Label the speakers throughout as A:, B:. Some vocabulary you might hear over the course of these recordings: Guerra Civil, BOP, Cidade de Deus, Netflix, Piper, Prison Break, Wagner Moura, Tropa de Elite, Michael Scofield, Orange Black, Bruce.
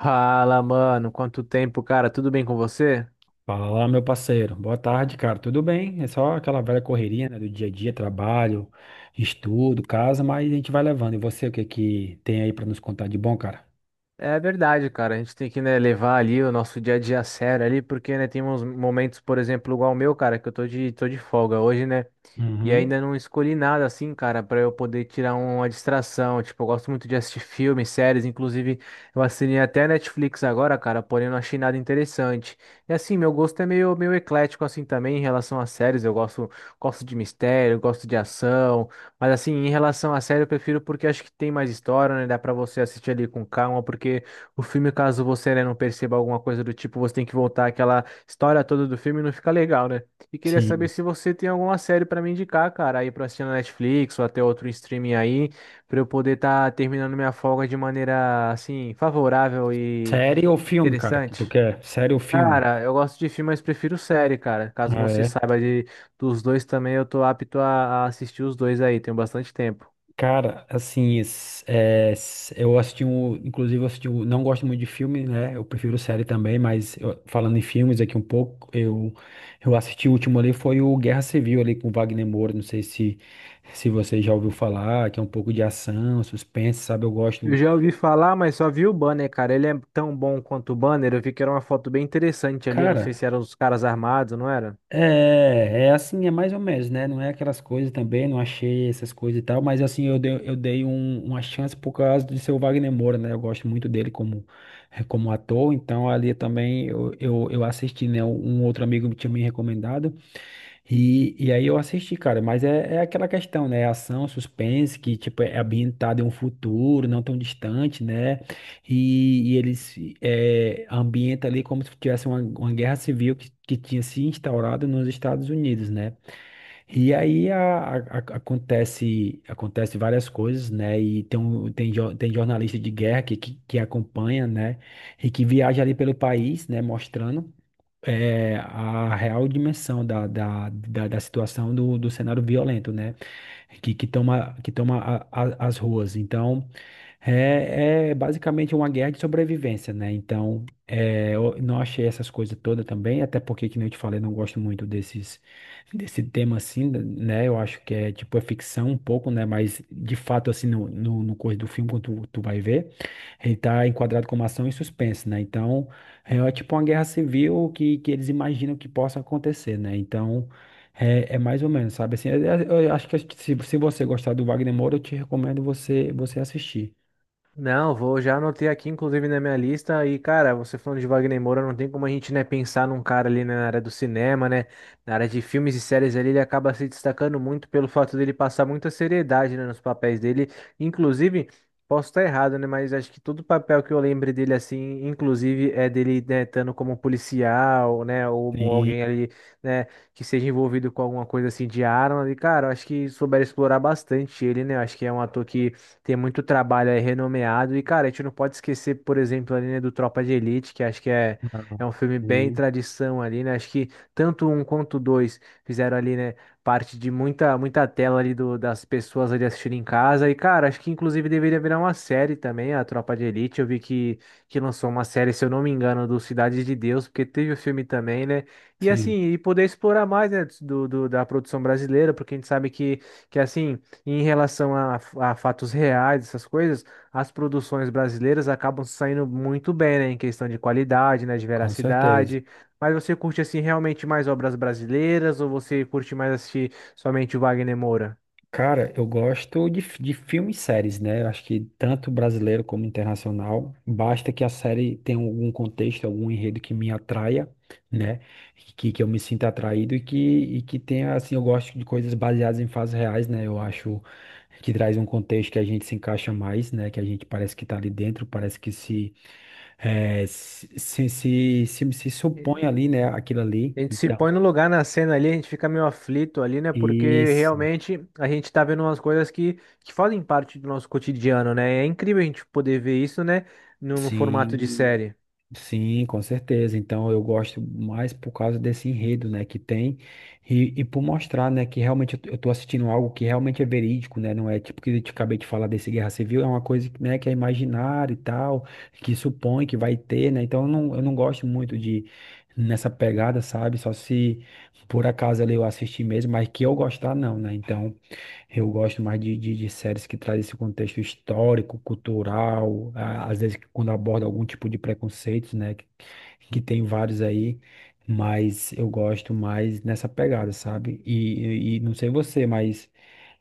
A: Fala, mano, quanto tempo, cara? Tudo bem com você?
B: Fala, meu parceiro. Boa tarde, cara. Tudo bem? É só aquela velha correria, né, do dia a dia, trabalho, estudo, casa, mas a gente vai levando. E você, o que que tem aí pra nos contar de bom, cara?
A: É verdade, cara. A gente tem que, né, levar ali o nosso dia a dia a sério ali, porque, né, tem uns momentos, por exemplo, igual o meu, cara, que eu tô de folga hoje, né? E
B: Uhum,
A: ainda não escolhi nada assim, cara, pra eu poder tirar uma distração. Tipo, eu gosto muito de assistir filmes, séries, inclusive eu assinei até a Netflix agora, cara, porém não achei nada interessante. E assim, meu gosto é meio eclético assim também em relação às séries. Eu gosto de mistério, gosto de ação. Mas assim, em relação à série, eu prefiro porque acho que tem mais história, né? Dá pra você assistir ali com calma, porque o filme, caso você, né, não perceba alguma coisa do tipo, você tem que voltar aquela história toda do filme e não fica legal, né? E queria saber
B: sim.
A: se você tem alguma série pra me indicar, cara, aí pra assistir na Netflix ou até outro streaming aí, pra eu poder estar terminando minha folga de maneira, assim, favorável e
B: Série ou filme, cara? Que tu
A: interessante.
B: quer? Série ou filme?
A: Cara, eu gosto de filme, mas prefiro série, cara. Caso
B: Ah
A: você
B: é.
A: saiba de, dos dois também, eu tô apto a assistir os dois aí, tenho bastante tempo.
B: Cara, assim, eu assisti um, inclusive eu assisti um, não gosto muito de filme, né? Eu prefiro série também, mas falando em filmes aqui um pouco, eu assisti o último ali foi o Guerra Civil ali com o Wagner Moura, não sei se você já ouviu falar, que é um pouco de ação, suspense, sabe? Eu
A: Eu
B: gosto.
A: já ouvi falar, mas só vi o banner, cara. Ele é tão bom quanto o banner. Eu vi que era uma foto bem interessante ali. Eu não sei
B: Cara,
A: se eram os caras armados, não era?
B: é, é assim, é mais ou menos, né? Não é aquelas coisas também, não achei essas coisas e tal, mas assim, uma chance por causa de seu Wagner Moura, né? Eu gosto muito dele como, como ator, então ali também eu assisti, né? Um outro amigo tinha me recomendado, e aí eu assisti, cara, mas é, é aquela questão, né? É ação, suspense, que tipo, é ambientado em um futuro não tão distante, né? E eles é, ambienta ali como se tivesse uma guerra civil que tinha se instaurado nos Estados Unidos, né? E aí acontece, acontece várias coisas, né? E tem, um, tem, jo- tem jornalista de guerra que acompanha, né? E que viaja ali pelo país, né? Mostrando é, a real dimensão da situação do cenário violento, né? Que toma, que toma as ruas. Então, é, é basicamente uma guerra de sobrevivência, né? Então, é, eu não achei essas coisas todas também, até porque, que nem eu te falei, não gosto muito desse tema assim, né? Eu acho que é tipo, é ficção um pouco, né? Mas, de fato, assim, no curso do filme, quando tu vai ver, ele tá enquadrado como ação e suspense, né? Então, é, é tipo uma guerra civil que eles imaginam que possa acontecer, né? Então, é, é mais ou menos, sabe? Assim, eu acho que se você gostar do Wagner Moura, eu te recomendo você assistir.
A: Não, vou já anotei aqui, inclusive, na minha lista. E, cara, você falando de Wagner Moura, não tem como a gente, né, pensar num cara ali né, na área do cinema, né? Na área de filmes e séries ali, ele acaba se destacando muito pelo fato dele passar muita seriedade, né, nos papéis dele. Inclusive, posso estar errado, né? Mas acho que todo papel que eu lembre dele, assim, inclusive, é dele, né, estando como policial, né? Ou
B: Sim,
A: alguém ali, né, que seja envolvido com alguma coisa assim de arma. E, cara, eu acho que souberam explorar bastante ele, né? Eu acho que é um ator que. Tem muito trabalho aí renomeado. E, cara, a gente não pode esquecer, por exemplo, ali, né, do Tropa de Elite, que acho que é, é
B: não,
A: um filme bem
B: sim,
A: tradição ali, né? Acho que tanto um quanto dois fizeram ali, né, parte de muita tela ali do, das pessoas ali assistindo em casa. E, cara, acho que inclusive deveria virar uma série também, a Tropa de Elite. Eu vi que lançou uma série, se eu não me engano, do Cidade de Deus, porque teve o filme também, né? E assim,
B: sim,
A: e poder explorar mais, né, do, do- da produção brasileira, porque a gente sabe que assim. Em relação a fatos reais, essas coisas, as produções brasileiras acabam saindo muito bem, né? Em questão de qualidade, né? De
B: com certeza.
A: veracidade. Mas você curte, assim, realmente mais obras brasileiras ou você curte mais assistir somente o Wagner Moura?
B: Cara, eu gosto de, de filmes e séries, né? Eu acho que tanto brasileiro como internacional, basta que a série tenha algum contexto, algum enredo que me atraia, né? Que eu me sinta atraído e que tenha, assim, eu gosto de coisas baseadas em fatos reais, né? Eu acho que traz um contexto que a gente se encaixa mais, né? Que a gente parece que tá ali dentro, parece que se, se supõe ali, né? Aquilo ali.
A: A gente se
B: Então.
A: põe no lugar na cena ali, a gente fica meio aflito ali, né? Porque
B: Isso,
A: realmente a gente tá vendo umas coisas que fazem parte do nosso cotidiano, né? É incrível a gente poder ver isso, né? Num formato de
B: sim,
A: série.
B: sim, com certeza. Então eu gosto mais por causa desse enredo, né, que tem e por mostrar, né, que realmente eu tô assistindo algo que realmente é verídico, né, não é tipo que eu te acabei de falar desse Guerra Civil, é uma coisa, que, né, que é imaginária e tal, que supõe que vai ter, né, então eu não gosto muito de nessa pegada, sabe, só se por acaso ali eu assistir mesmo, mas que eu gostar não, né, então eu gosto mais de séries que trazem esse contexto histórico, cultural, às vezes quando aborda algum tipo de preconceito, né? Que tem vários aí, mas eu gosto mais nessa pegada, sabe? E não sei você, mas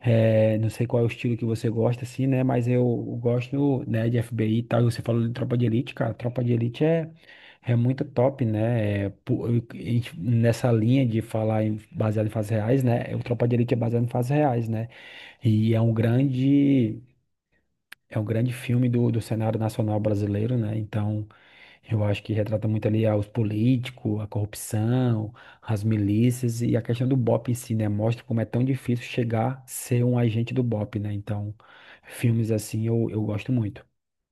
B: é, não sei qual é o estilo que você gosta, assim, né? Mas eu gosto, né, de FBI e tal. E você falou de Tropa de Elite, cara. Tropa de Elite é muito top, né? É, pô, nessa linha de falar em baseado em fatos reais, né? É, o Tropa de Elite é baseado em fatos reais, né? E é um grande filme do, do cenário nacional brasileiro, né? Então, eu acho que retrata muito ali ah, os políticos, a corrupção, as milícias e a questão do BOP em si, né? Mostra como é tão difícil chegar a ser um agente do BOP, né? Então, filmes assim eu gosto muito.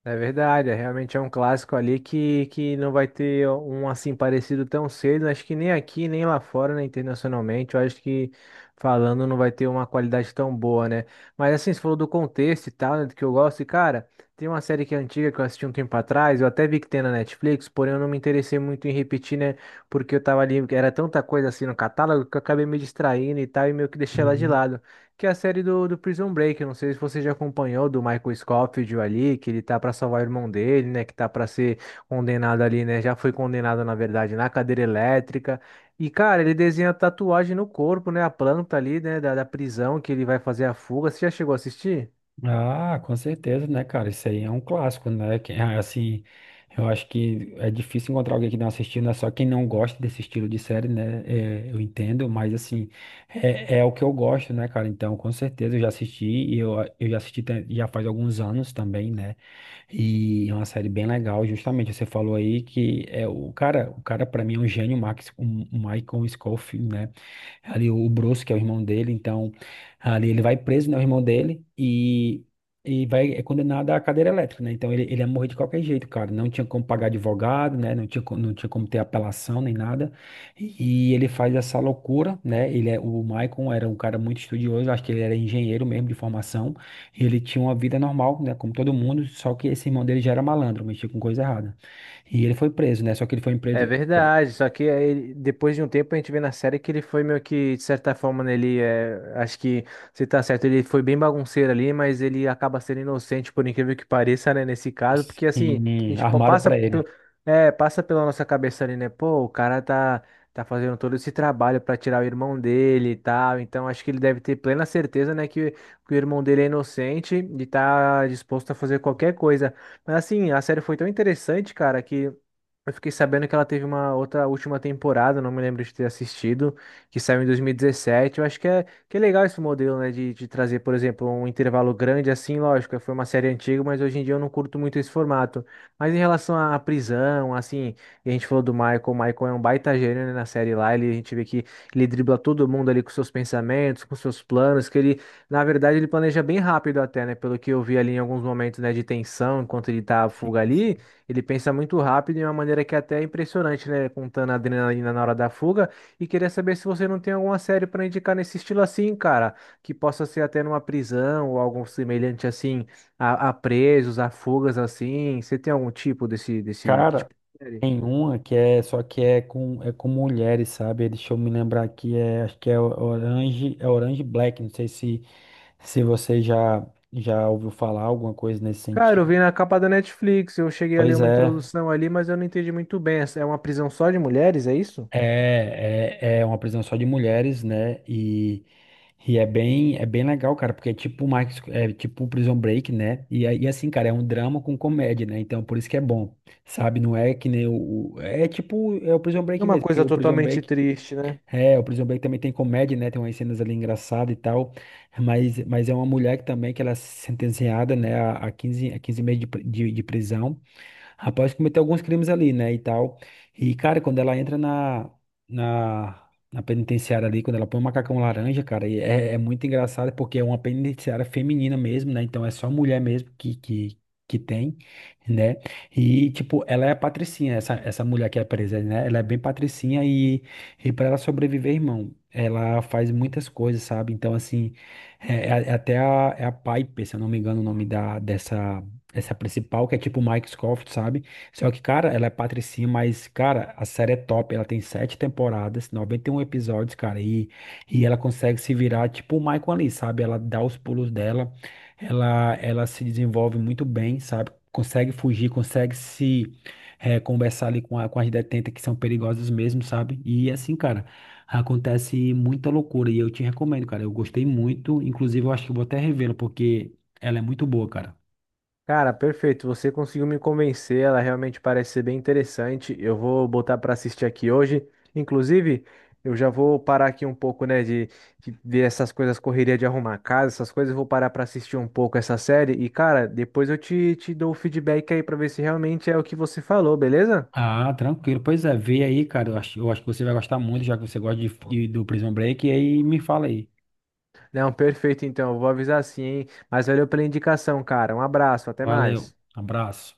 A: É verdade, é, realmente é um clássico ali que não vai ter um assim parecido tão cedo. Acho que nem aqui, nem lá fora, né, internacionalmente. Eu acho que falando não vai ter uma qualidade tão boa, né? Mas assim, você falou do contexto e tal, né, do que eu gosto. E cara, tem uma série que é antiga que eu assisti um tempo atrás. Eu até vi que tem na Netflix, porém eu não me interessei muito em repetir, né? Porque eu tava ali, era tanta coisa assim no catálogo que eu acabei me distraindo e tal, e meio que deixei ela de lado que é a série do Prison Break. Eu não sei se você já acompanhou do Michael Scofield ali, que ele tá pra salvar o irmão dele, né? Que tá pra ser condenado ali, né? Já foi condenado, na verdade, na cadeira elétrica. E, cara, ele desenha tatuagem no corpo, né? A planta ali, né? Da prisão que ele vai fazer a fuga. Você já chegou a assistir?
B: Ah, com certeza, né, cara? Isso aí é um clássico, né? Assim, eu acho que é difícil encontrar alguém que não assistiu, né? Só quem não gosta desse estilo de série, né? É, eu entendo, mas assim, é, é o que eu gosto, né, cara? Então, com certeza eu já assisti e eu já assisti já faz alguns anos também, né? E é uma série bem legal, justamente. Você falou aí que é o cara para mim é um gênio, o Max, o Michael Scofield, né? Ali o Bruce, que é o irmão dele, então ali ele vai preso, né, o irmão dele, e vai, é condenado à cadeira elétrica, né, então ele ia morrer de qualquer jeito, cara, não tinha como pagar advogado, né, não tinha, não tinha como ter apelação nem nada, e ele faz essa loucura, né, ele é, o Michael era um cara muito estudioso, acho que ele era engenheiro mesmo de formação, e ele tinha uma vida normal, né, como todo mundo, só que esse irmão dele já era malandro, mexia com coisa errada, e ele foi preso, né, só que ele foi preso,
A: É
B: pre-
A: verdade, só que aí, depois de um tempo a gente vê na série que ele foi meio que, de certa forma, né, ele é, acho que você tá certo, ele foi bem bagunceiro ali, mas ele acaba sendo inocente, por incrível que pareça, né, nesse caso, porque assim, a
B: sim,
A: gente pa-
B: armaram
A: passa,
B: pra
A: pe-
B: ele,
A: é, passa pela nossa cabeça ali, né, pô, o cara tá, tá fazendo todo esse trabalho pra tirar o irmão dele e tal, então acho que ele deve ter plena certeza, né, que o irmão dele é inocente e tá disposto a fazer qualquer coisa. Mas assim, a série foi tão interessante, cara, que. Eu fiquei sabendo que ela teve uma outra última temporada, não me lembro de ter assistido, que saiu em 2017. Eu acho que é legal esse modelo, né, de trazer, por exemplo, um intervalo grande assim, lógico, foi uma série antiga, mas hoje em dia eu não curto muito esse formato. Mas em relação à prisão, assim, e a gente falou do Michael, o Michael é um baita gênio, né, na série lá, ele, a gente vê que ele dribla todo mundo ali com seus pensamentos, com seus planos, que ele, na verdade, ele planeja bem rápido até, né, pelo que eu vi ali em alguns momentos, né, de tensão, enquanto ele tá à fuga ali,
B: sim.
A: ele pensa muito rápido de uma maneira que até é impressionante, né? Contando a adrenalina na hora da fuga. E queria saber se você não tem alguma série para indicar nesse estilo assim, cara, que possa ser até numa prisão ou algo semelhante assim, a presos, a fugas assim. Você tem algum tipo desse
B: Cara,
A: tipo de série?
B: tem uma que é, só que é com mulheres, sabe? Deixa eu me lembrar aqui, é, acho que Orange, é Orange Black, não sei se, se você já, já ouviu falar alguma coisa nesse
A: Cara, eu
B: sentido.
A: vi na capa da Netflix, eu cheguei a ler
B: Pois
A: uma
B: é,
A: introdução ali, mas eu não entendi muito bem. É uma prisão só de mulheres, é isso?
B: é uma prisão só de mulheres, né? E é bem legal, cara, porque é tipo Max, é tipo um Prison Break, né? E, aí, assim, cara, é um drama com comédia, né? Então por isso que é bom, sabe? Não é que nem o, o- é tipo, é o Prison
A: é
B: Break
A: Uma
B: mesmo, porque
A: coisa
B: o Prison
A: totalmente
B: Break
A: triste, né?
B: é, o Prison Break também tem comédia, né? Tem umas cenas ali engraçadas e tal. Mas é uma mulher que também que ela é sentenciada, né, a 15 meses de prisão, rapaz cometeu alguns crimes ali, né, e tal. E, cara, quando ela entra na penitenciária ali, quando ela põe o macacão laranja, cara, e é, é muito engraçado porque é uma penitenciária feminina mesmo, né, então é só mulher mesmo que tem, né, e, tipo, ela é a patricinha, essa mulher que é presa, né, ela é bem patricinha e para ela sobreviver, irmão, ela faz muitas coisas, sabe, então, assim, é até é a Piper, se eu não me engano o nome da, dessa essa é a principal, que é tipo Mike Scofield, sabe? Só que, cara, ela é patricinha, mas, cara, a série é top. Ela tem sete temporadas, 91 episódios, cara. E ela consegue se virar tipo o Michael ali, sabe? Ela dá os pulos dela, ela se desenvolve muito bem, sabe? Consegue fugir, consegue se eh, conversar ali com as detentas que são perigosas mesmo, sabe? E assim, cara, acontece muita loucura. E eu te recomendo, cara. Eu gostei muito. Inclusive, eu acho que eu vou até revê-la, porque ela é muito boa, cara.
A: Cara, perfeito. Você conseguiu me convencer. Ela realmente parece ser bem interessante. Eu vou botar para assistir aqui hoje. Inclusive, eu já vou parar aqui um pouco, né, de ver essas coisas, correria de arrumar a casa, essas coisas. Eu vou parar para assistir um pouco essa série. E, cara, depois eu te dou o feedback aí para ver se realmente é o que você falou, beleza?
B: Ah, tranquilo. Pois é, vê aí, cara. Eu acho que você vai gostar muito, já que você gosta de, do Prison Break. E aí me fala aí.
A: Não, perfeito. Então, eu vou avisar sim, hein? Mas valeu pela indicação, cara. Um abraço, até
B: Valeu.
A: mais.
B: Abraço.